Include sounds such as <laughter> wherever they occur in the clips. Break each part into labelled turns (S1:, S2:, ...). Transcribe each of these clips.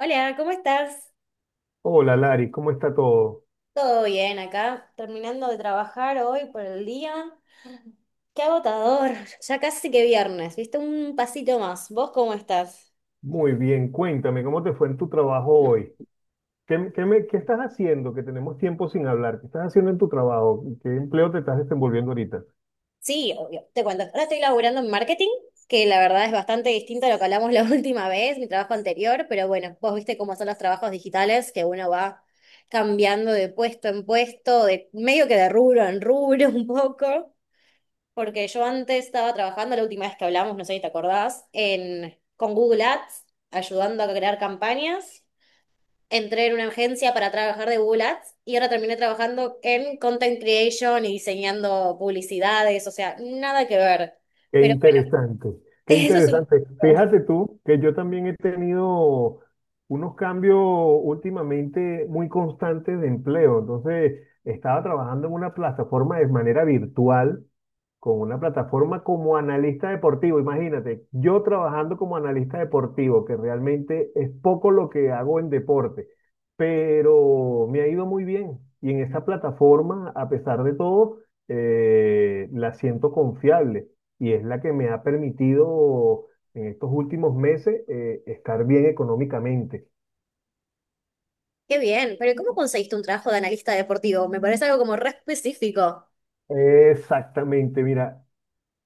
S1: Hola, ¿cómo estás?
S2: Hola Lari, ¿cómo está todo?
S1: ¿Todo bien acá? Terminando de trabajar hoy por el día. Qué agotador, <laughs> ya casi que viernes, ¿viste? Un pasito más. ¿Vos cómo estás?
S2: Muy bien, cuéntame, ¿cómo te fue en tu trabajo hoy? ¿Qué, qué estás haciendo? Que tenemos tiempo sin hablar. ¿Qué estás haciendo en tu trabajo? ¿Qué empleo te estás desenvolviendo ahorita?
S1: Sí, obvio, te cuento. Ahora estoy laburando en marketing, que la verdad es bastante distinto a lo que hablamos la <laughs> última vez, mi trabajo anterior, pero bueno, vos viste cómo son los trabajos digitales, que uno va cambiando de puesto en puesto, de medio que de rubro en rubro <laughs> un poco. Porque yo antes estaba trabajando, la última vez que hablamos, no sé si te acordás, con Google Ads, ayudando a crear campañas. Entré en una agencia para trabajar de Google Ads y ahora terminé trabajando en content creation y diseñando publicidades, o sea, nada que ver.
S2: Qué
S1: Pero bueno,
S2: interesante,
S1: <laughs>
S2: qué
S1: eso es un
S2: interesante.
S1: poco.
S2: Fíjate tú que yo también he tenido unos cambios últimamente muy constantes de empleo. Entonces, estaba trabajando en una plataforma de manera virtual con una plataforma como analista deportivo. Imagínate, yo trabajando como analista deportivo, que realmente es poco lo que hago en deporte, pero me ha ido muy bien. Y en esa plataforma, a pesar de todo, la siento confiable y es la que me ha permitido en estos últimos meses estar bien económicamente.
S1: Qué bien, pero ¿cómo conseguiste un trabajo de analista deportivo? Me parece algo como re específico.
S2: Exactamente, mira,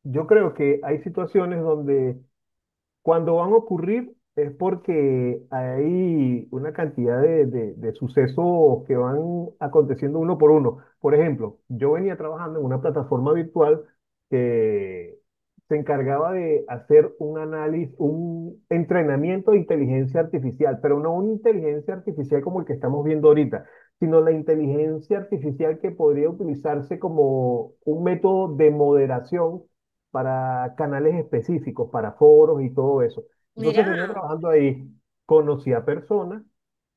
S2: yo creo que hay situaciones donde cuando van a ocurrir es porque hay una cantidad de sucesos que van aconteciendo uno por uno. Por ejemplo, yo venía trabajando en una plataforma virtual que se encargaba de hacer un análisis, un entrenamiento de inteligencia artificial, pero no una inteligencia artificial como el que estamos viendo ahorita, sino la inteligencia artificial que podría utilizarse como un método de moderación para canales específicos, para foros y todo eso. Entonces
S1: Mirá.
S2: venía trabajando ahí, conocí a personas,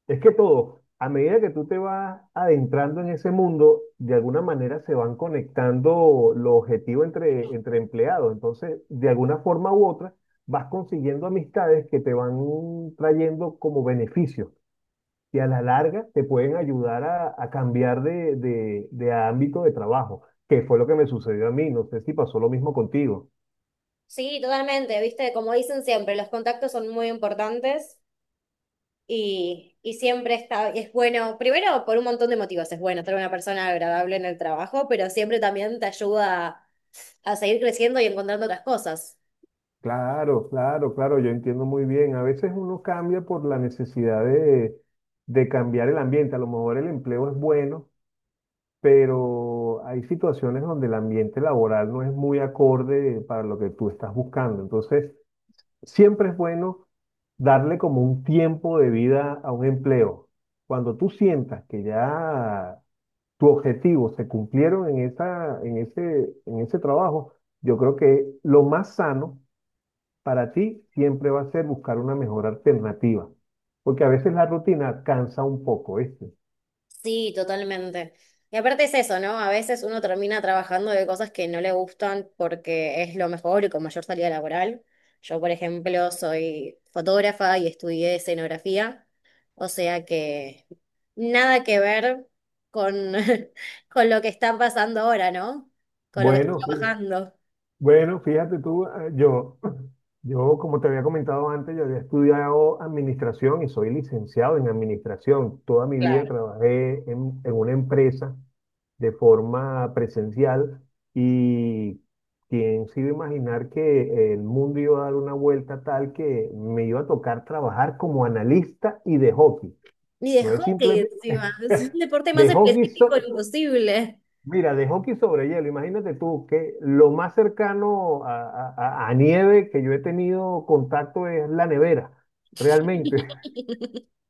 S2: es que todo, a medida que tú te vas adentrando en ese mundo, de alguna manera se van conectando los objetivos entre empleados. Entonces, de alguna forma u otra, vas consiguiendo amistades que te van trayendo como beneficios que a la larga te pueden ayudar a cambiar de ámbito de trabajo, que fue lo que me sucedió a mí. No sé si pasó lo mismo contigo.
S1: Sí, totalmente, viste, como dicen siempre, los contactos son muy importantes. Y siempre es bueno, primero por un montón de motivos, es bueno ser una persona agradable en el trabajo, pero siempre también te ayuda a seguir creciendo y encontrando otras cosas.
S2: Claro, claro, claro, yo entiendo muy bien. A veces uno cambia por la necesidad de cambiar el ambiente. A lo mejor el empleo es bueno, pero hay situaciones donde el ambiente laboral no es muy acorde para lo que tú estás buscando. Entonces, siempre es bueno darle como un tiempo de vida a un empleo. Cuando tú sientas que ya tu objetivo se cumplieron en esa, en ese trabajo, yo creo que lo más sano para ti siempre va a ser buscar una mejor alternativa, porque a veces la rutina cansa un poco, ¿viste?
S1: Sí, totalmente. Y aparte es eso, ¿no? A veces uno termina trabajando de cosas que no le gustan porque es lo mejor y con mayor salida laboral. Yo, por ejemplo, soy fotógrafa y estudié escenografía, o sea que nada que ver con, <laughs> con lo que está pasando ahora, ¿no? Con lo que estoy
S2: Bueno, fí-
S1: trabajando.
S2: bueno, fíjate tú, yo, <clears throat> yo como te había comentado antes, yo había estudiado administración y soy licenciado en administración. Toda mi vida
S1: Claro.
S2: trabajé en una empresa de forma presencial y quién se iba a imaginar que el mundo iba a dar una vuelta tal que me iba a tocar trabajar como analista y de hockey.
S1: Ni de
S2: No es
S1: hockey
S2: simplemente
S1: encima, <laughs> es
S2: <laughs>
S1: un deporte más
S2: de hockey,
S1: específico imposible.
S2: mira, de hockey sobre hielo. Imagínate tú que lo más cercano a, a nieve que yo he tenido contacto es la nevera, realmente.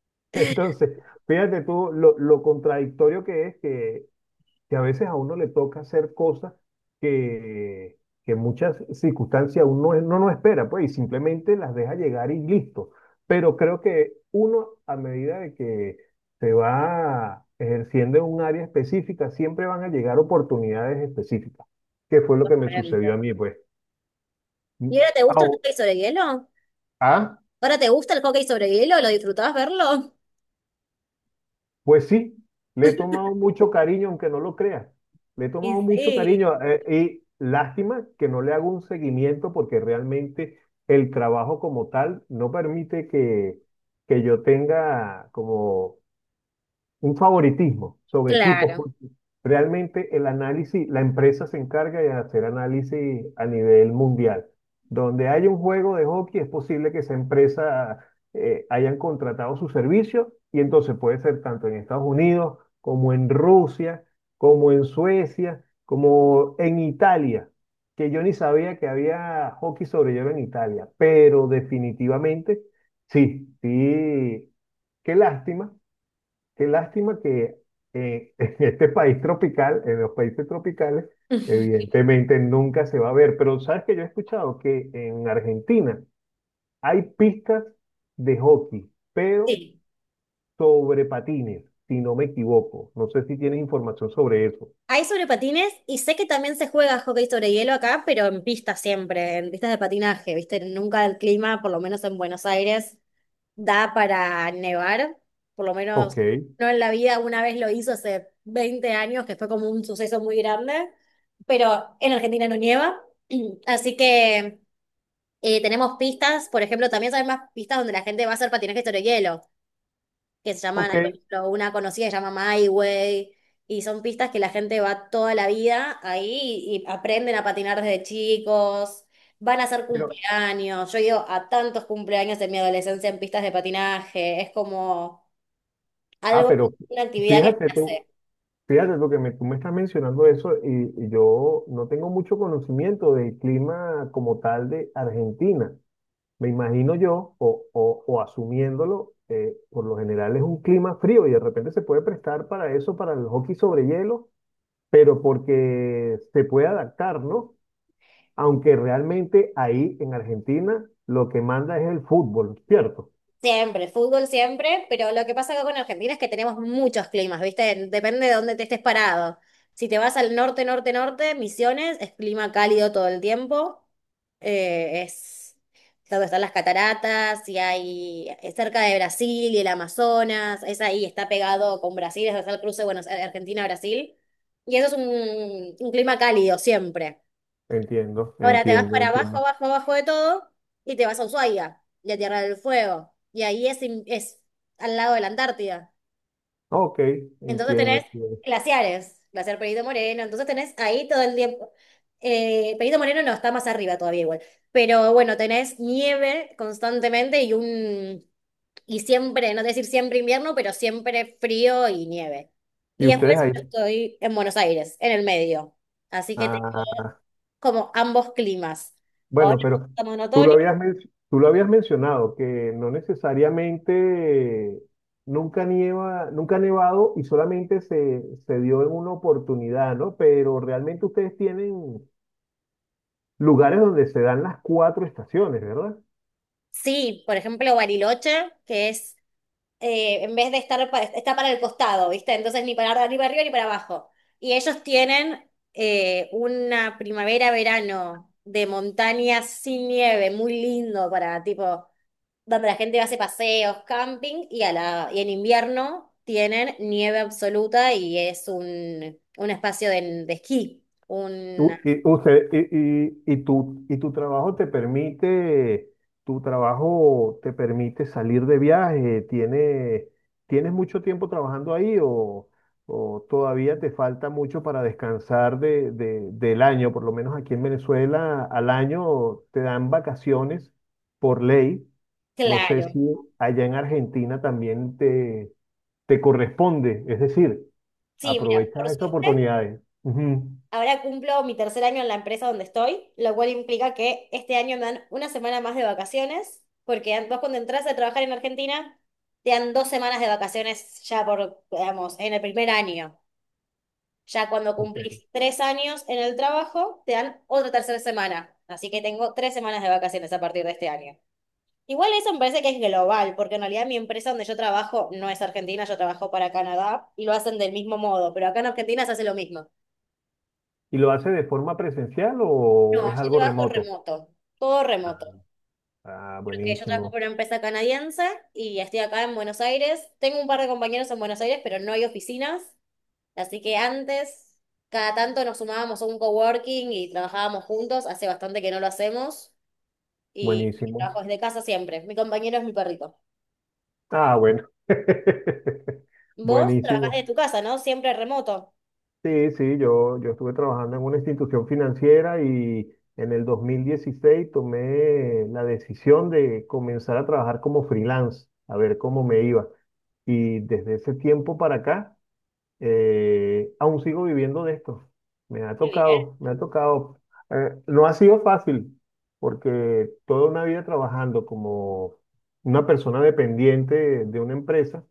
S2: <laughs> Entonces, fíjate tú lo contradictorio que es que a veces a uno le toca hacer cosas que, que en muchas circunstancias uno no, no espera, pues, y simplemente las deja llegar y listo. Pero creo que uno, a medida de que se va ejerciendo en un área específica, siempre van a llegar oportunidades específicas, que fue lo que me sucedió
S1: Diferente.
S2: a mí, pues.
S1: ¿Y ahora te gusta el
S2: Au-
S1: hockey sobre hielo?
S2: ¿Ah?
S1: ¿Ahora te gusta el hockey sobre hielo? ¿Lo disfrutabas verlo?
S2: Pues sí, le he tomado mucho cariño, aunque no lo creas. Le he
S1: Y
S2: tomado mucho
S1: sí.
S2: cariño y lástima que no le hago un seguimiento porque realmente el trabajo como tal no permite que yo tenga como un favoritismo sobre equipos.
S1: Claro.
S2: Porque realmente el análisis, la empresa se encarga de hacer análisis a nivel mundial. Donde hay un juego de hockey, es posible que esa empresa hayan contratado su servicio y entonces puede ser tanto en Estados Unidos como en Rusia, como en Suecia, como en Italia, que yo ni sabía que había hockey sobre hielo en Italia, pero definitivamente sí, sí, qué lástima. Qué lástima que <laughs> en este país tropical, en los países tropicales,
S1: <laughs>
S2: evidentemente nunca se va a ver. Pero sabes que yo he escuchado que en Argentina hay pistas de hockey, pero
S1: Sí.
S2: sobre patines, si no me equivoco. No sé si tienes información sobre eso.
S1: Hay sobre patines y sé que también se juega hockey sobre hielo acá, pero en pistas siempre, en pistas de patinaje, ¿viste? Nunca el clima, por lo menos en Buenos Aires, da para nevar, por lo
S2: Ok,
S1: menos no en la vida, una vez lo hizo hace 20 años, que fue como un suceso muy grande, pero en Argentina no nieva, <clears throat> así que tenemos pistas, por ejemplo, también sabemos más pistas donde la gente va a hacer patinaje sobre hielo, que se llaman,
S2: ok.
S1: hay, por ejemplo, una conocida que se llama My Way, y son pistas que la gente va toda la vida ahí y aprenden a patinar desde chicos, van a hacer
S2: Pero,
S1: cumpleaños. Yo he ido a tantos cumpleaños en mi adolescencia en pistas de patinaje, es como
S2: ah,
S1: algo,
S2: pero
S1: una actividad que
S2: fíjate
S1: se
S2: tú,
S1: hace.
S2: fíjate tú que me, tú me estás mencionando eso y yo no tengo mucho conocimiento del clima como tal de Argentina. Me imagino yo, o, o asumiéndolo, por lo general es un clima frío y de repente se puede prestar para eso, para el hockey sobre hielo, pero porque se puede adaptar, ¿no? Aunque realmente ahí en Argentina lo que manda es el fútbol, ¿cierto?
S1: Siempre, fútbol siempre, pero lo que pasa acá con Argentina es que tenemos muchos climas, ¿viste? Depende de dónde te estés parado. Si te vas al norte, norte, norte, Misiones, es clima cálido todo el tiempo. Es donde están las cataratas y hay es cerca de Brasil y el Amazonas, es ahí, está pegado con Brasil, es donde está el cruce, bueno, Argentina-Brasil. Y eso es un clima cálido siempre.
S2: Entiendo,
S1: Ahora te vas
S2: entiendo,
S1: para abajo,
S2: entiendo.
S1: abajo, abajo de todo y te vas a Ushuaia y a Tierra del Fuego. Y ahí es al lado de la Antártida.
S2: Ok,
S1: Entonces
S2: entiendo,
S1: tenés
S2: entiendo.
S1: glaciares, glaciar Perito Moreno. Entonces tenés ahí todo el tiempo. Perito Moreno no, está más arriba todavía igual. Pero bueno, tenés nieve constantemente y un... Y siempre, no te decir siempre invierno, pero siempre frío y nieve.
S2: ¿Y
S1: Y
S2: ustedes
S1: después yo estoy en Buenos Aires, en el medio. Así que
S2: ahí?
S1: como ambos climas. Ahora
S2: Bueno, pero
S1: estamos en
S2: tú lo
S1: otoño.
S2: habías, men- tú lo habías mencionado, que no necesariamente nunca nieva, nunca ha nevado y solamente se, se dio en una oportunidad, ¿no? Pero realmente ustedes tienen lugares donde se dan las cuatro estaciones, ¿verdad?
S1: Sí, por ejemplo, Bariloche, que es, en vez de estar, está para el costado, ¿viste? Entonces ni para arriba, ni para abajo. Y ellos tienen una primavera-verano de montañas sin nieve, muy lindo para, tipo, donde la gente hace paseos, camping, y, y en invierno tienen nieve absoluta y es un espacio de esquí.
S2: Tú- y, usted, y tu trabajo te permite, tu trabajo te permite salir de viaje, ¿tiene, tienes mucho tiempo trabajando ahí o todavía te falta mucho para descansar de, del año? Por lo menos aquí en Venezuela al año te dan vacaciones por ley. No sé
S1: Claro.
S2: si allá en Argentina también te corresponde, es decir,
S1: Sí, mira,
S2: aprovechas
S1: por
S2: estas
S1: suerte.
S2: oportunidades. Ujú.
S1: Ahora cumplo mi tercer año en la empresa donde estoy, lo cual implica que este año me dan una semana más de vacaciones, porque vos cuando entras a trabajar en Argentina, te dan dos semanas de vacaciones ya por, digamos, en el primer año. Ya cuando
S2: Ok.
S1: cumplís tres años en el trabajo, te dan otra tercera semana. Así que tengo tres semanas de vacaciones a partir de este año. Igual eso me parece que es global, porque en realidad mi empresa donde yo trabajo no es Argentina, yo trabajo para Canadá y lo hacen del mismo modo, pero acá en Argentina se hace lo mismo.
S2: ¿Y lo hace de forma presencial
S1: No,
S2: o es
S1: yo
S2: algo
S1: trabajo
S2: remoto?
S1: remoto, todo remoto,
S2: Ah,
S1: porque yo trabajo
S2: buenísimo,
S1: para una empresa canadiense y estoy acá en Buenos Aires. Tengo un par de compañeros en Buenos Aires, pero no hay oficinas, así que antes cada tanto nos sumábamos a un coworking y trabajábamos juntos, hace bastante que no lo hacemos y
S2: buenísimo.
S1: trabajo desde casa siempre. Mi compañero es mi perrito.
S2: Ah, bueno. <laughs>
S1: Vos trabajás
S2: Buenísimo.
S1: desde tu casa, ¿no? Siempre remoto.
S2: Sí, sí, yo estuve trabajando en una institución financiera y en el 2016 tomé la decisión de comenzar a trabajar como freelance, a ver cómo me iba. Y desde ese tiempo para acá aún sigo viviendo de esto. Me ha
S1: Qué bien.
S2: tocado, me ha tocado. No ha sido fácil, porque toda una vida trabajando como una persona dependiente de una empresa,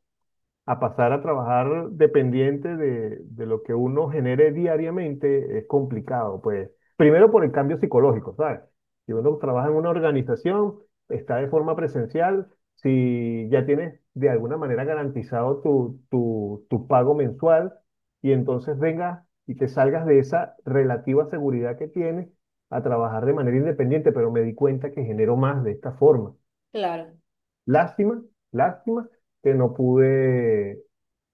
S2: a pasar a trabajar dependiente de lo que uno genere diariamente es complicado, pues. Primero por el cambio psicológico, ¿sabes? Si uno trabaja en una organización, está de forma presencial, si ya tienes de alguna manera garantizado tu pago mensual, y entonces vengas y te salgas de esa relativa seguridad que tienes a trabajar de manera independiente, pero me di cuenta que genero más de esta forma.
S1: Claro.
S2: Lástima, lástima que no pude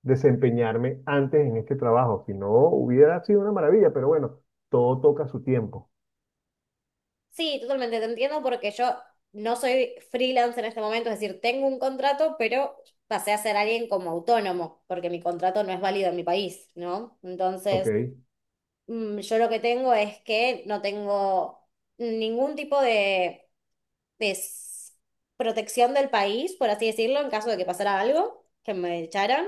S2: desempeñarme antes en este trabajo, si no hubiera sido una maravilla, pero bueno, todo toca su tiempo,
S1: Sí, totalmente, te entiendo porque yo no soy freelance en este momento, es decir, tengo un contrato, pero pasé a ser alguien como autónomo, porque mi contrato no es válido en mi país, ¿no?
S2: ¿ok?
S1: Entonces, yo lo que tengo es que no tengo ningún tipo de protección del país, por así decirlo, en caso de que pasara algo, que me echaran.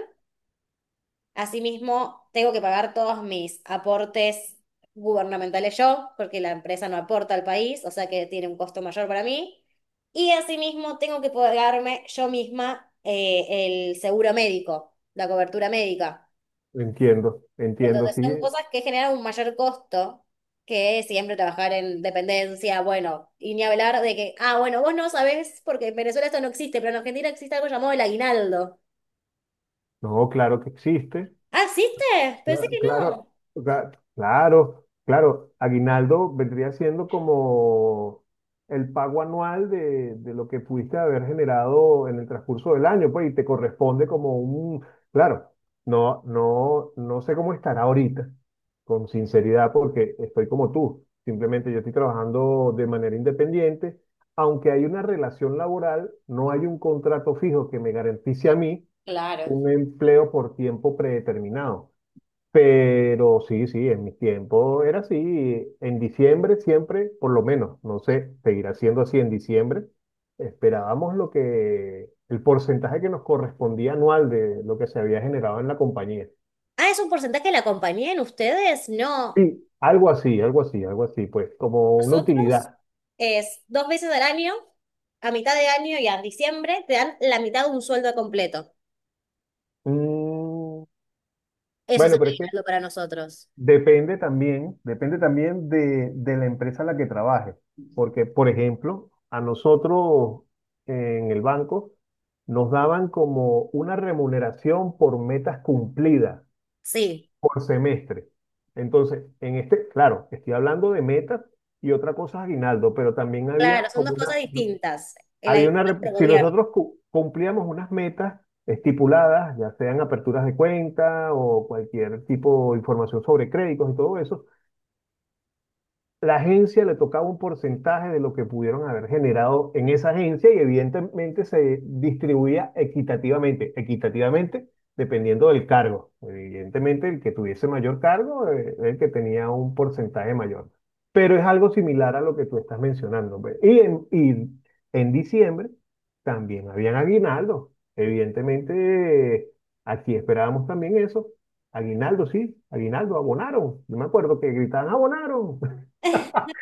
S1: Asimismo, tengo que pagar todos mis aportes gubernamentales yo, porque la empresa no aporta al país, o sea que tiene un costo mayor para mí. Y asimismo, tengo que pagarme yo misma el seguro médico, la cobertura médica.
S2: Entiendo, entiendo,
S1: Entonces,
S2: sí,
S1: son cosas que generan un mayor costo que siempre trabajar en dependencia, bueno, y ni hablar de que, ah, bueno, vos no sabés, porque en Venezuela esto no existe, pero en Argentina existe algo llamado el aguinaldo.
S2: no, claro que existe.
S1: ¿Ah, existe? Pensé que
S2: Claro,
S1: no.
S2: cla- claro, claro. Aguinaldo vendría siendo como el pago anual de lo que pudiste haber generado en el transcurso del año, pues, y te corresponde como un, claro, no, no, no sé cómo estará ahorita, con sinceridad, porque estoy como tú. Simplemente yo estoy trabajando de manera independiente. Aunque hay una relación laboral, no hay un contrato fijo que me garantice a mí
S1: Claro.
S2: un empleo por tiempo predeterminado. Pero sí, sí, en mis tiempos era así. En diciembre siempre, por lo menos, no sé, seguirá siendo así en diciembre, esperábamos lo que, el porcentaje que nos correspondía anual de lo que se había generado en la compañía.
S1: Ah, es un porcentaje de la compañía en ustedes. No,
S2: Sí. Algo así, algo así, algo así, pues como una
S1: nosotros
S2: utilidad.
S1: es dos veces al año, a mitad de año y a diciembre, te dan la mitad de un sueldo completo.
S2: Mm,
S1: Eso es
S2: bueno,
S1: el
S2: pero es que
S1: aguinaldo para nosotros.
S2: depende también, depende también de la empresa a la que trabajes, porque, por ejemplo, a nosotros en el banco nos daban como una remuneración por metas cumplidas,
S1: Sí,
S2: por semestre. Entonces, en este, claro, estoy hablando de metas y otra cosa es aguinaldo, pero también
S1: claro,
S2: había
S1: son dos
S2: como
S1: cosas
S2: una,
S1: distintas. El
S2: había
S1: aguinaldo
S2: una,
S1: es del.
S2: si nosotros cumplíamos unas metas estipuladas, ya sean aperturas de cuenta o cualquier tipo de información sobre créditos y todo eso, la agencia le tocaba un porcentaje de lo que pudieron haber generado en esa agencia y evidentemente se distribuía equitativamente dependiendo del cargo. Evidentemente el que tuviese mayor cargo el que tenía un porcentaje mayor. Pero es algo similar a lo que tú estás mencionando. Pues. Y en diciembre también habían aguinaldos. Evidentemente eh, aquí esperábamos también eso. Aguinaldo, sí, aguinaldo, abonaron. Yo me acuerdo que gritaban, abonaron,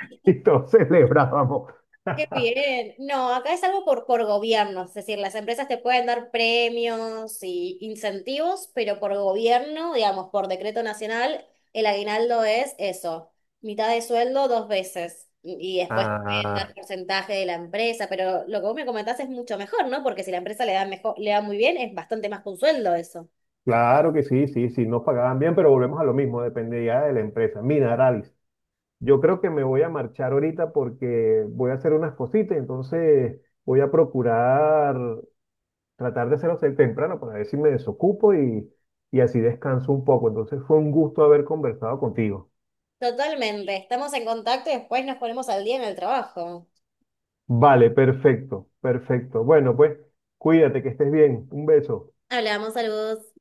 S2: <laughs> y todos celebrábamos.
S1: Qué
S2: <laughs>
S1: bien. No, acá es algo por gobiernos, es decir, las empresas te pueden dar premios y incentivos, pero por gobierno, digamos, por decreto nacional, el aguinaldo es eso, mitad de sueldo dos veces y después te pueden dar
S2: Ah,
S1: porcentaje de la empresa, pero lo que vos me comentás es mucho mejor, ¿no? Porque si la empresa le da mejor, le da muy bien, es bastante más que un sueldo eso.
S2: claro que sí, sí, sí, nos pagaban bien, pero volvemos a lo mismo, dependía de la empresa. Mira, Aralis, yo creo que me voy a marchar ahorita porque voy a hacer unas cositas, entonces voy a procurar tratar de hacerlo ser temprano para ver si me desocupo y así descanso un poco. Entonces fue un gusto haber conversado contigo.
S1: Totalmente, estamos en contacto y después nos ponemos al día en el trabajo.
S2: Vale, perfecto, perfecto. Bueno, pues cuídate, que estés bien. Un beso.
S1: Hablamos, saludos.